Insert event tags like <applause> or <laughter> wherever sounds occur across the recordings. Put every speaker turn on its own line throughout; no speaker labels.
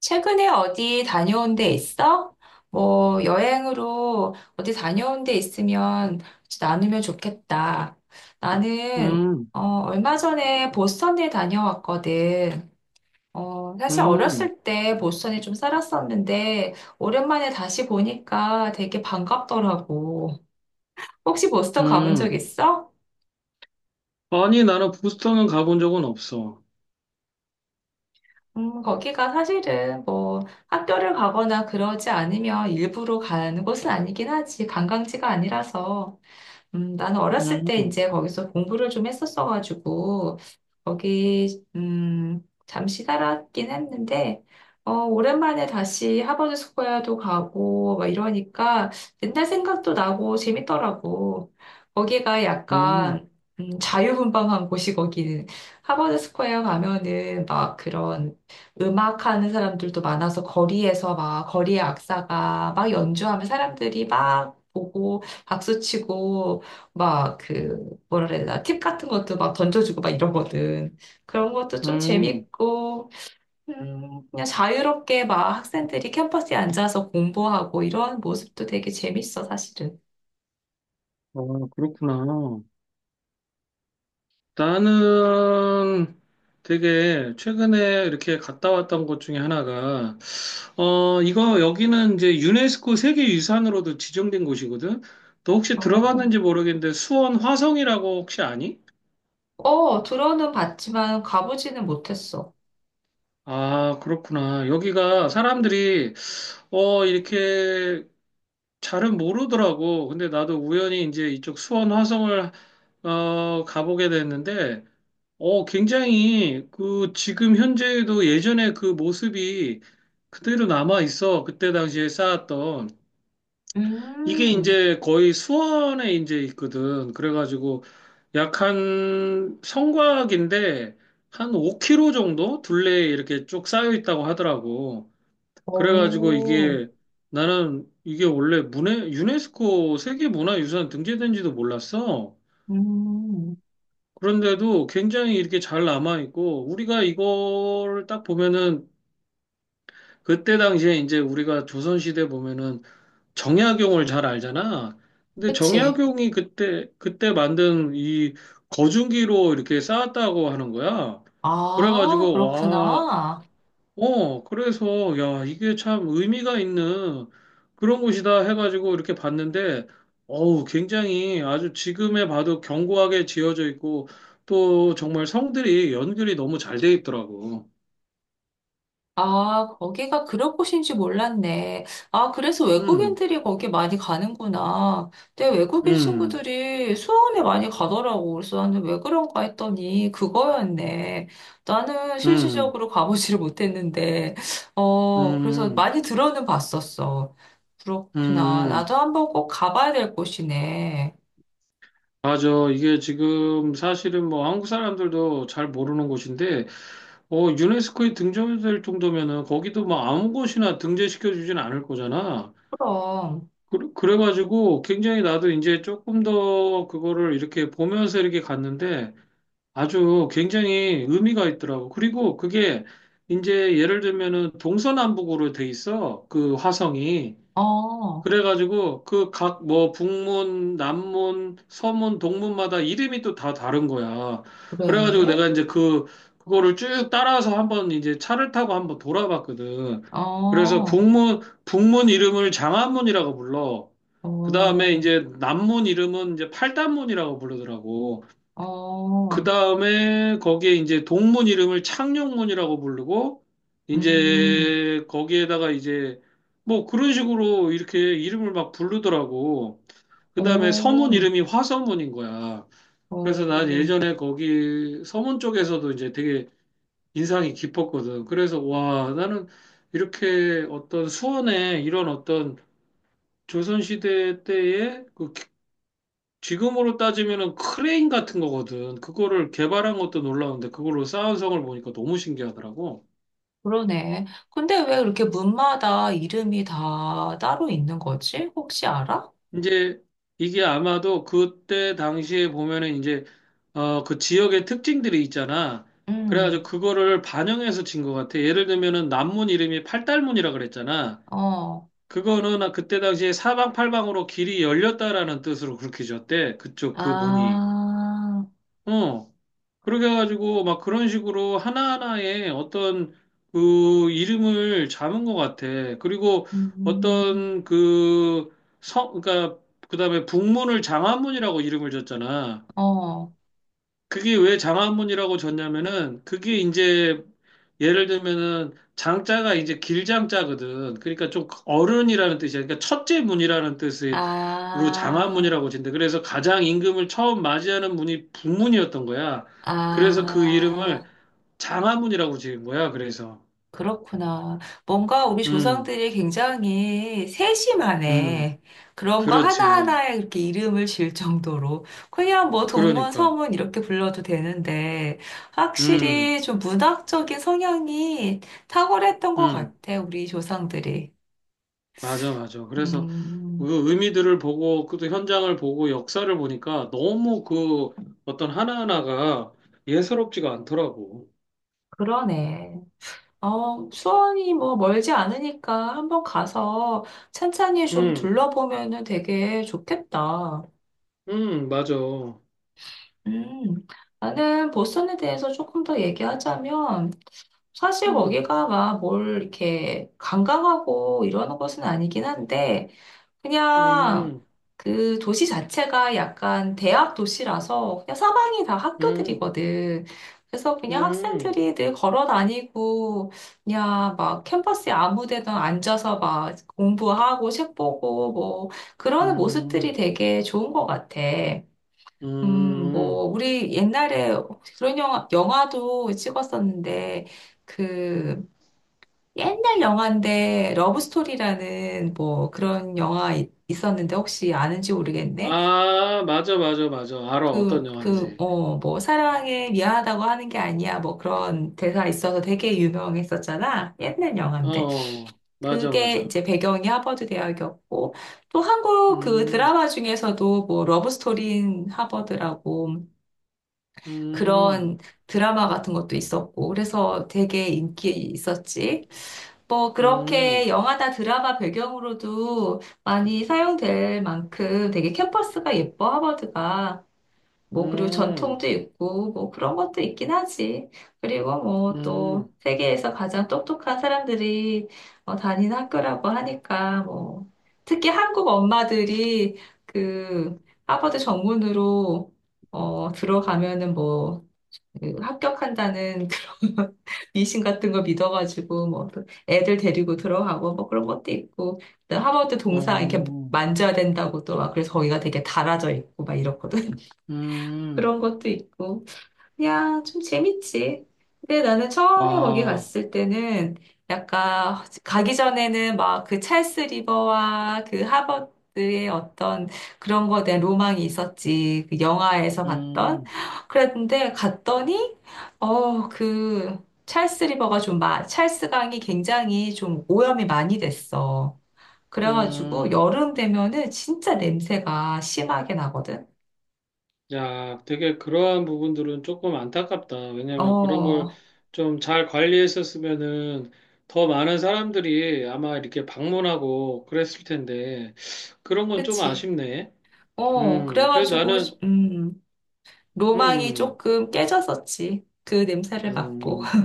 최근에 어디 다녀온 데 있어? 뭐 여행으로 어디 다녀온 데 있으면 같이 나누면 좋겠다. 나는
음,
어, 얼마 전에 보스턴에 다녀왔거든. 사실
음,
어렸을 때 보스턴에 좀 살았었는데 오랜만에 다시 보니까 되게 반갑더라고. 혹시 보스턴 가본 적
음.
있어?
아니, 나는 부스터는 가본 적은 없어.
거기가 사실은 뭐 학교를 가거나 그러지 않으면 일부러 가는 곳은 아니긴 하지. 관광지가 아니라서. 나는 어렸을 때
음,
이제 거기서 공부를 좀 했었어가지고, 거기, 잠시 살았긴 했는데, 오랜만에 다시 하버드 스코어도 가고, 막 이러니까 옛날 생각도 나고 재밌더라고. 거기가
음,
약간, 자유분방한 곳이 거기는. 하버드 스코어 가면은 막 그런 음악하는 사람들도 많아서 거리에서 막, 거리의 악사가 막 연주하면 사람들이 막 보고, 박수치고 막 그 뭐라 그래야 되나 팁 같은 것도 막 던져주고 막 이러거든. 그런 것도 좀
음.
재밌고 그냥 자유롭게 막 학생들이 캠퍼스에 앉아서 공부하고 이런 모습도 되게 재밌어 사실은.
아, 그렇구나. 나는 되게 최근에 이렇게 갔다 왔던 곳 중에 하나가, 어, 이거 여기는 이제 유네스코 세계유산으로도 지정된 곳이거든? 너 혹시
어,
들어봤는지 모르겠는데 수원 화성이라고 혹시 아니?
어 들어는 봤지만 가보지는 못했어.
아, 그렇구나. 여기가 사람들이 어, 이렇게 잘은 모르더라고. 근데 나도 우연히 이제 이쪽 수원 화성을 어, 가보게 됐는데, 어, 굉장히 그 지금 현재도 예전에 그 모습이 그대로 남아 있어. 그때 당시에 쌓았던. 이게
음.
이제 거의 수원에 이제 있거든. 그래가지고 약 한 성곽인데 한 5km 정도 둘레에 이렇게 쭉 쌓여 있다고 하더라고. 그래가지고
오.
이게 나는 이게 원래 유네스코 세계문화유산 등재된지도 몰랐어.
음.
그런데도 굉장히 이렇게 잘 남아있고, 우리가 이거를 딱 보면은, 그때 당시에 이제 우리가 조선시대 보면은 정약용을 잘 알잖아. 근데
그치.
정약용이 그때 만든 이 거중기로 이렇게 쌓았다고 하는 거야.
아,
그래가지고, 와,
그렇구나.
어, 그래서, 야, 이게 참 의미가 있는 그런 곳이다 해가지고 이렇게 봤는데, 어우, 굉장히 아주 지금에 봐도 견고하게 지어져 있고, 또 정말 성들이 연결이 너무 잘 돼 있더라고.
아, 거기가 그런 곳인지 몰랐네. 아, 그래서
음,
외국인들이 거기 많이 가는구나. 내 외국인
음,
친구들이 수원에 많이 가더라고. 그래서 나는 왜 그런가 했더니 그거였네. 나는
음,
실질적으로 가보지를 못했는데, 그래서
음,
많이 들어는 봤었어. 그렇구나.
음.
나도 한번 꼭 가봐야 될 곳이네.
맞아. 이게 지금 사실은 뭐 한국 사람들도 잘 모르는 곳인데, 어, 유네스코에 등재될 정도면은 거기도 뭐 아무 곳이나 등재시켜 주진 않을 거잖아.
그럼.
그래가지고 굉장히 나도 이제 조금 더 그거를 이렇게 보면서 이렇게 갔는데 아주 굉장히 의미가 있더라고. 그리고 그게 이제 예를 들면은 동서남북으로 돼 있어. 그 화성이.
어.
그래가지고 그 각 뭐 북문, 남문, 서문, 동문마다 이름이 또 다 다른 거야. 그래가지고
그래?
내가 이제 그 그거를 쭉 따라서 한번 이제 차를 타고 한번 돌아봤거든. 그래서
어.
북문 이름을 장안문이라고 불러. 그 다음에
어.
이제 남문 이름은 이제 팔단문이라고 부르더라고. 그
어.
다음에 거기에 이제 동문 이름을 창녕문이라고 부르고,
음.
이제 거기에다가 이제 뭐 그런 식으로 이렇게 이름을 막 부르더라고. 그 다음에 서문
오.
이름이 화서문인 거야. 그래서 난
오.
예전에 거기 서문 쪽에서도 이제 되게 인상이 깊었거든. 그래서 와, 나는 이렇게 어떤 수원에 이런 어떤 조선시대 때의 그 지금으로 따지면은 크레인 같은 거거든. 그거를 개발한 것도 놀라운데 그걸로 쌓은 성을 보니까 너무 신기하더라고.
그러네. 근데 왜 이렇게 문마다 이름이 다 따로 있는 거지? 혹시 알아?
이제 이게 아마도 그때 당시에 보면은 이제 어, 그 지역의 특징들이 있잖아.
응.
그래가지고 그거를 반영해서 진 것 같아. 예를 들면은 남문 이름이 팔달문이라 그랬잖아.
어.
그거는 그때 당시에 사방팔방으로 길이 열렸다라는 뜻으로 그렇게 지었대. 그쪽 그 문이.
아.
어. 그렇게 해가지고 막 그런 식으로 하나하나의 어떤 그 이름을 잡은 것 같아. 그리고
음.
어떤 그 성, 그러니까 그다음에 북문을 장안문이라고 이름을 줬잖아.
어.
그게 왜 장안문이라고 줬냐면은 그게 이제 예를 들면은 장자가 이제 길장자거든. 그러니까 좀 어른이라는 뜻이야. 그러니까 첫째 문이라는 뜻으로
아.
장안문이라고 진대. 그래서 가장 임금을 처음 맞이하는 문이 북문이었던 거야. 그래서 그 이름을
아,
장화문이라고 지은 거야. 그래서
그렇구나. 뭔가 우리
음,
조상들이 굉장히
음,
세심하네. 그런 거
그렇지.
하나하나에 이렇게 이름을 지을 정도로. 그냥 뭐 동문,
그러니까
서문 이렇게 불러도 되는데,
음,
확실히 좀 문학적인 성향이 탁월했던 것
음,
같아, 우리 조상들이.
맞아, 맞아. 그래서
음,
그 의미들을 보고 그 또 현장을 보고 역사를 보니까 너무 그 어떤 하나하나가 예사롭지가 않더라고.
그러네. 어, 수원이 뭐 멀지 않으니까 한번 가서 찬찬히 좀
음,
둘러보면은 되게 좋겠다.
맞아.
음, 나는 보스턴에 대해서 조금 더 얘기하자면, 사실 거기가 막 뭘 이렇게 강강하고 이러는 것은 아니긴 한데, 그냥
음,
그 도시 자체가 약간 대학 도시라서 그냥 사방이 다
음,
학교들이거든. 그래서 그냥
음,
학생들이 늘 걸어 다니고, 그냥 막 캠퍼스에 아무 데나 앉아서 막 공부하고 책 보고 뭐, 그러는 모습들이
음,
되게 좋은 것 같아. 뭐,
음.
우리 옛날에 그런 영화도 찍었었는데, 그, 옛날 영화인데, 러브스토리라는 뭐 그런 영화 있었는데, 혹시 아는지 모르겠네.
아, 맞아, 맞아, 맞아. 알아, 어떤 영화인지.
어, 뭐, 사랑해, 미안하다고 하는 게 아니야. 뭐 그런 대사 있어서 되게 유명했었잖아. 옛날
어,
영화인데.
어. 맞아,
그게
맞아.
이제 배경이 하버드 대학이었고, 또 한국 그
음.
드라마 중에서도 뭐, 러브스토리인 하버드라고
음,
그런 드라마 같은 것도 있었고, 그래서 되게 인기 있었지. 뭐, 그렇게
음,
영화나 드라마 배경으로도 많이 사용될 만큼 되게 캠퍼스가 예뻐, 하버드가. 뭐, 그리고
음,
전통도 있고, 뭐, 그런 것도 있긴 하지. 그리고 뭐, 또,
음,
세계에서 가장 똑똑한 사람들이 다니는 학교라고 하니까, 뭐, 특히 한국 엄마들이 그, 하버드 정문으로 들어가면은 뭐, 그 합격한다는 그런 <laughs> 미신 같은 거 믿어가지고 뭐또 애들 데리고 들어가고 뭐 그런 것도 있고 또 하버드 동상 이렇게
어,
만져야 된다고 또 막 그래서 거기가 되게 달아져 있고 막 이렇거든 <laughs>
음,
그런 것도 있고 야, 좀 재밌지. 근데 나는 처음에 거기
와,
갔을 때는 약간 가기 전에는 막 그 찰스 리버와 그 하버드의 어떤 그런 거에 대한 로망이 있었지. 그 영화에서 봤던.
음,
그랬는데 갔더니 그 찰스 리버가 좀 찰스 강이 굉장히 좀 오염이 많이 됐어. 그래가지고
음.
여름 되면은 진짜 냄새가 심하게 나거든.
야, 되게 그러한 부분들은 조금 안타깝다. 왜냐면 그런 걸
어,
좀 잘 관리했었으면은 더 많은 사람들이 아마 이렇게 방문하고 그랬을 텐데, 그런 건 좀
그치.
아쉽네. 그래도
그래가지고,
나는,
음, 로망이
음,
조금 깨졌었지. 그 냄새를 맡고.
음.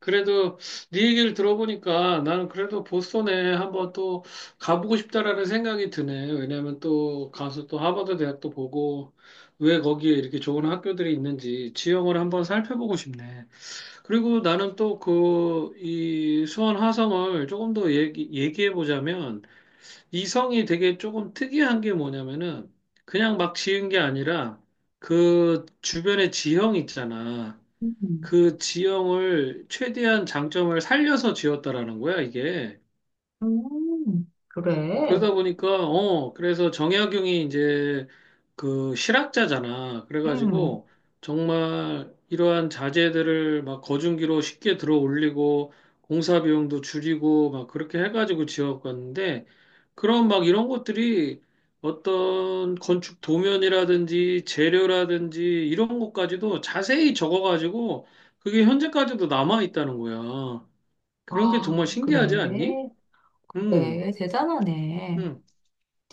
그래도 네 얘기를 들어보니까 나는 그래도 보스턴에 한번 또 가보고 싶다라는 생각이 드네. 왜냐면 또 가서 또 하버드 대학도 보고 왜 거기에 이렇게 좋은 학교들이 있는지 지형을 한번 살펴보고 싶네. 그리고 나는 또 그 이 수원 화성을 조금 더 얘기해 보자면 이성이 되게 조금 특이한 게 뭐냐면은 그냥 막 지은 게 아니라 그 주변의 지형 있잖아.
음.
그 지형을 최대한 장점을 살려서 지었다라는 거야, 이게.
그래.
그러다 보니까, 어, 그래서 정약용이 이제 그 실학자잖아.
음.
그래가지고 정말 이러한 자재들을 막 거중기로 쉽게 들어 올리고 공사 비용도 줄이고 막 그렇게 해가지고 지어갔는데 그런 막 이런 것들이 어떤 건축 도면이라든지 재료라든지 이런 것까지도 자세히 적어가지고 그게 현재까지도 남아 있다는 거야. 그런 게 정말
아,
신기하지 않니?
그래.
음,
그래, 대단하네.
음.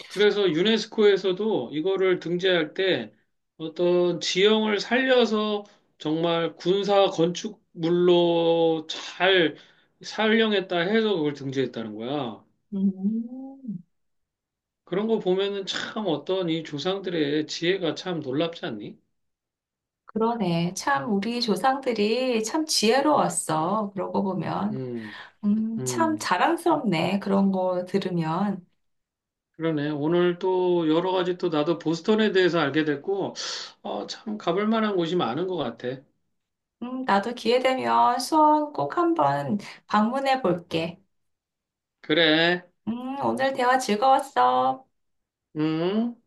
그래서 유네스코에서도 이거를 등재할 때 어떤 지형을 살려서 정말 군사 건축물로 잘 살령했다 해서 그걸 등재했다는 거야.
음,
그런 거 보면은 참 어떤 이 조상들의 지혜가 참 놀랍지 않니?
그러네. 참, 우리 조상들이 참 지혜로웠어. 그러고 보면.
음,
참
음,
자랑스럽네. 그런 거 들으면.
그러네. 오늘 또 여러 가지 또 나도 보스턴에 대해서 알게 됐고, 어, 참 가볼 만한 곳이 많은 것 같아.
나도 기회 되면 수원 꼭 한번 방문해 볼게.
그래,
오늘 대화 즐거웠어.
음.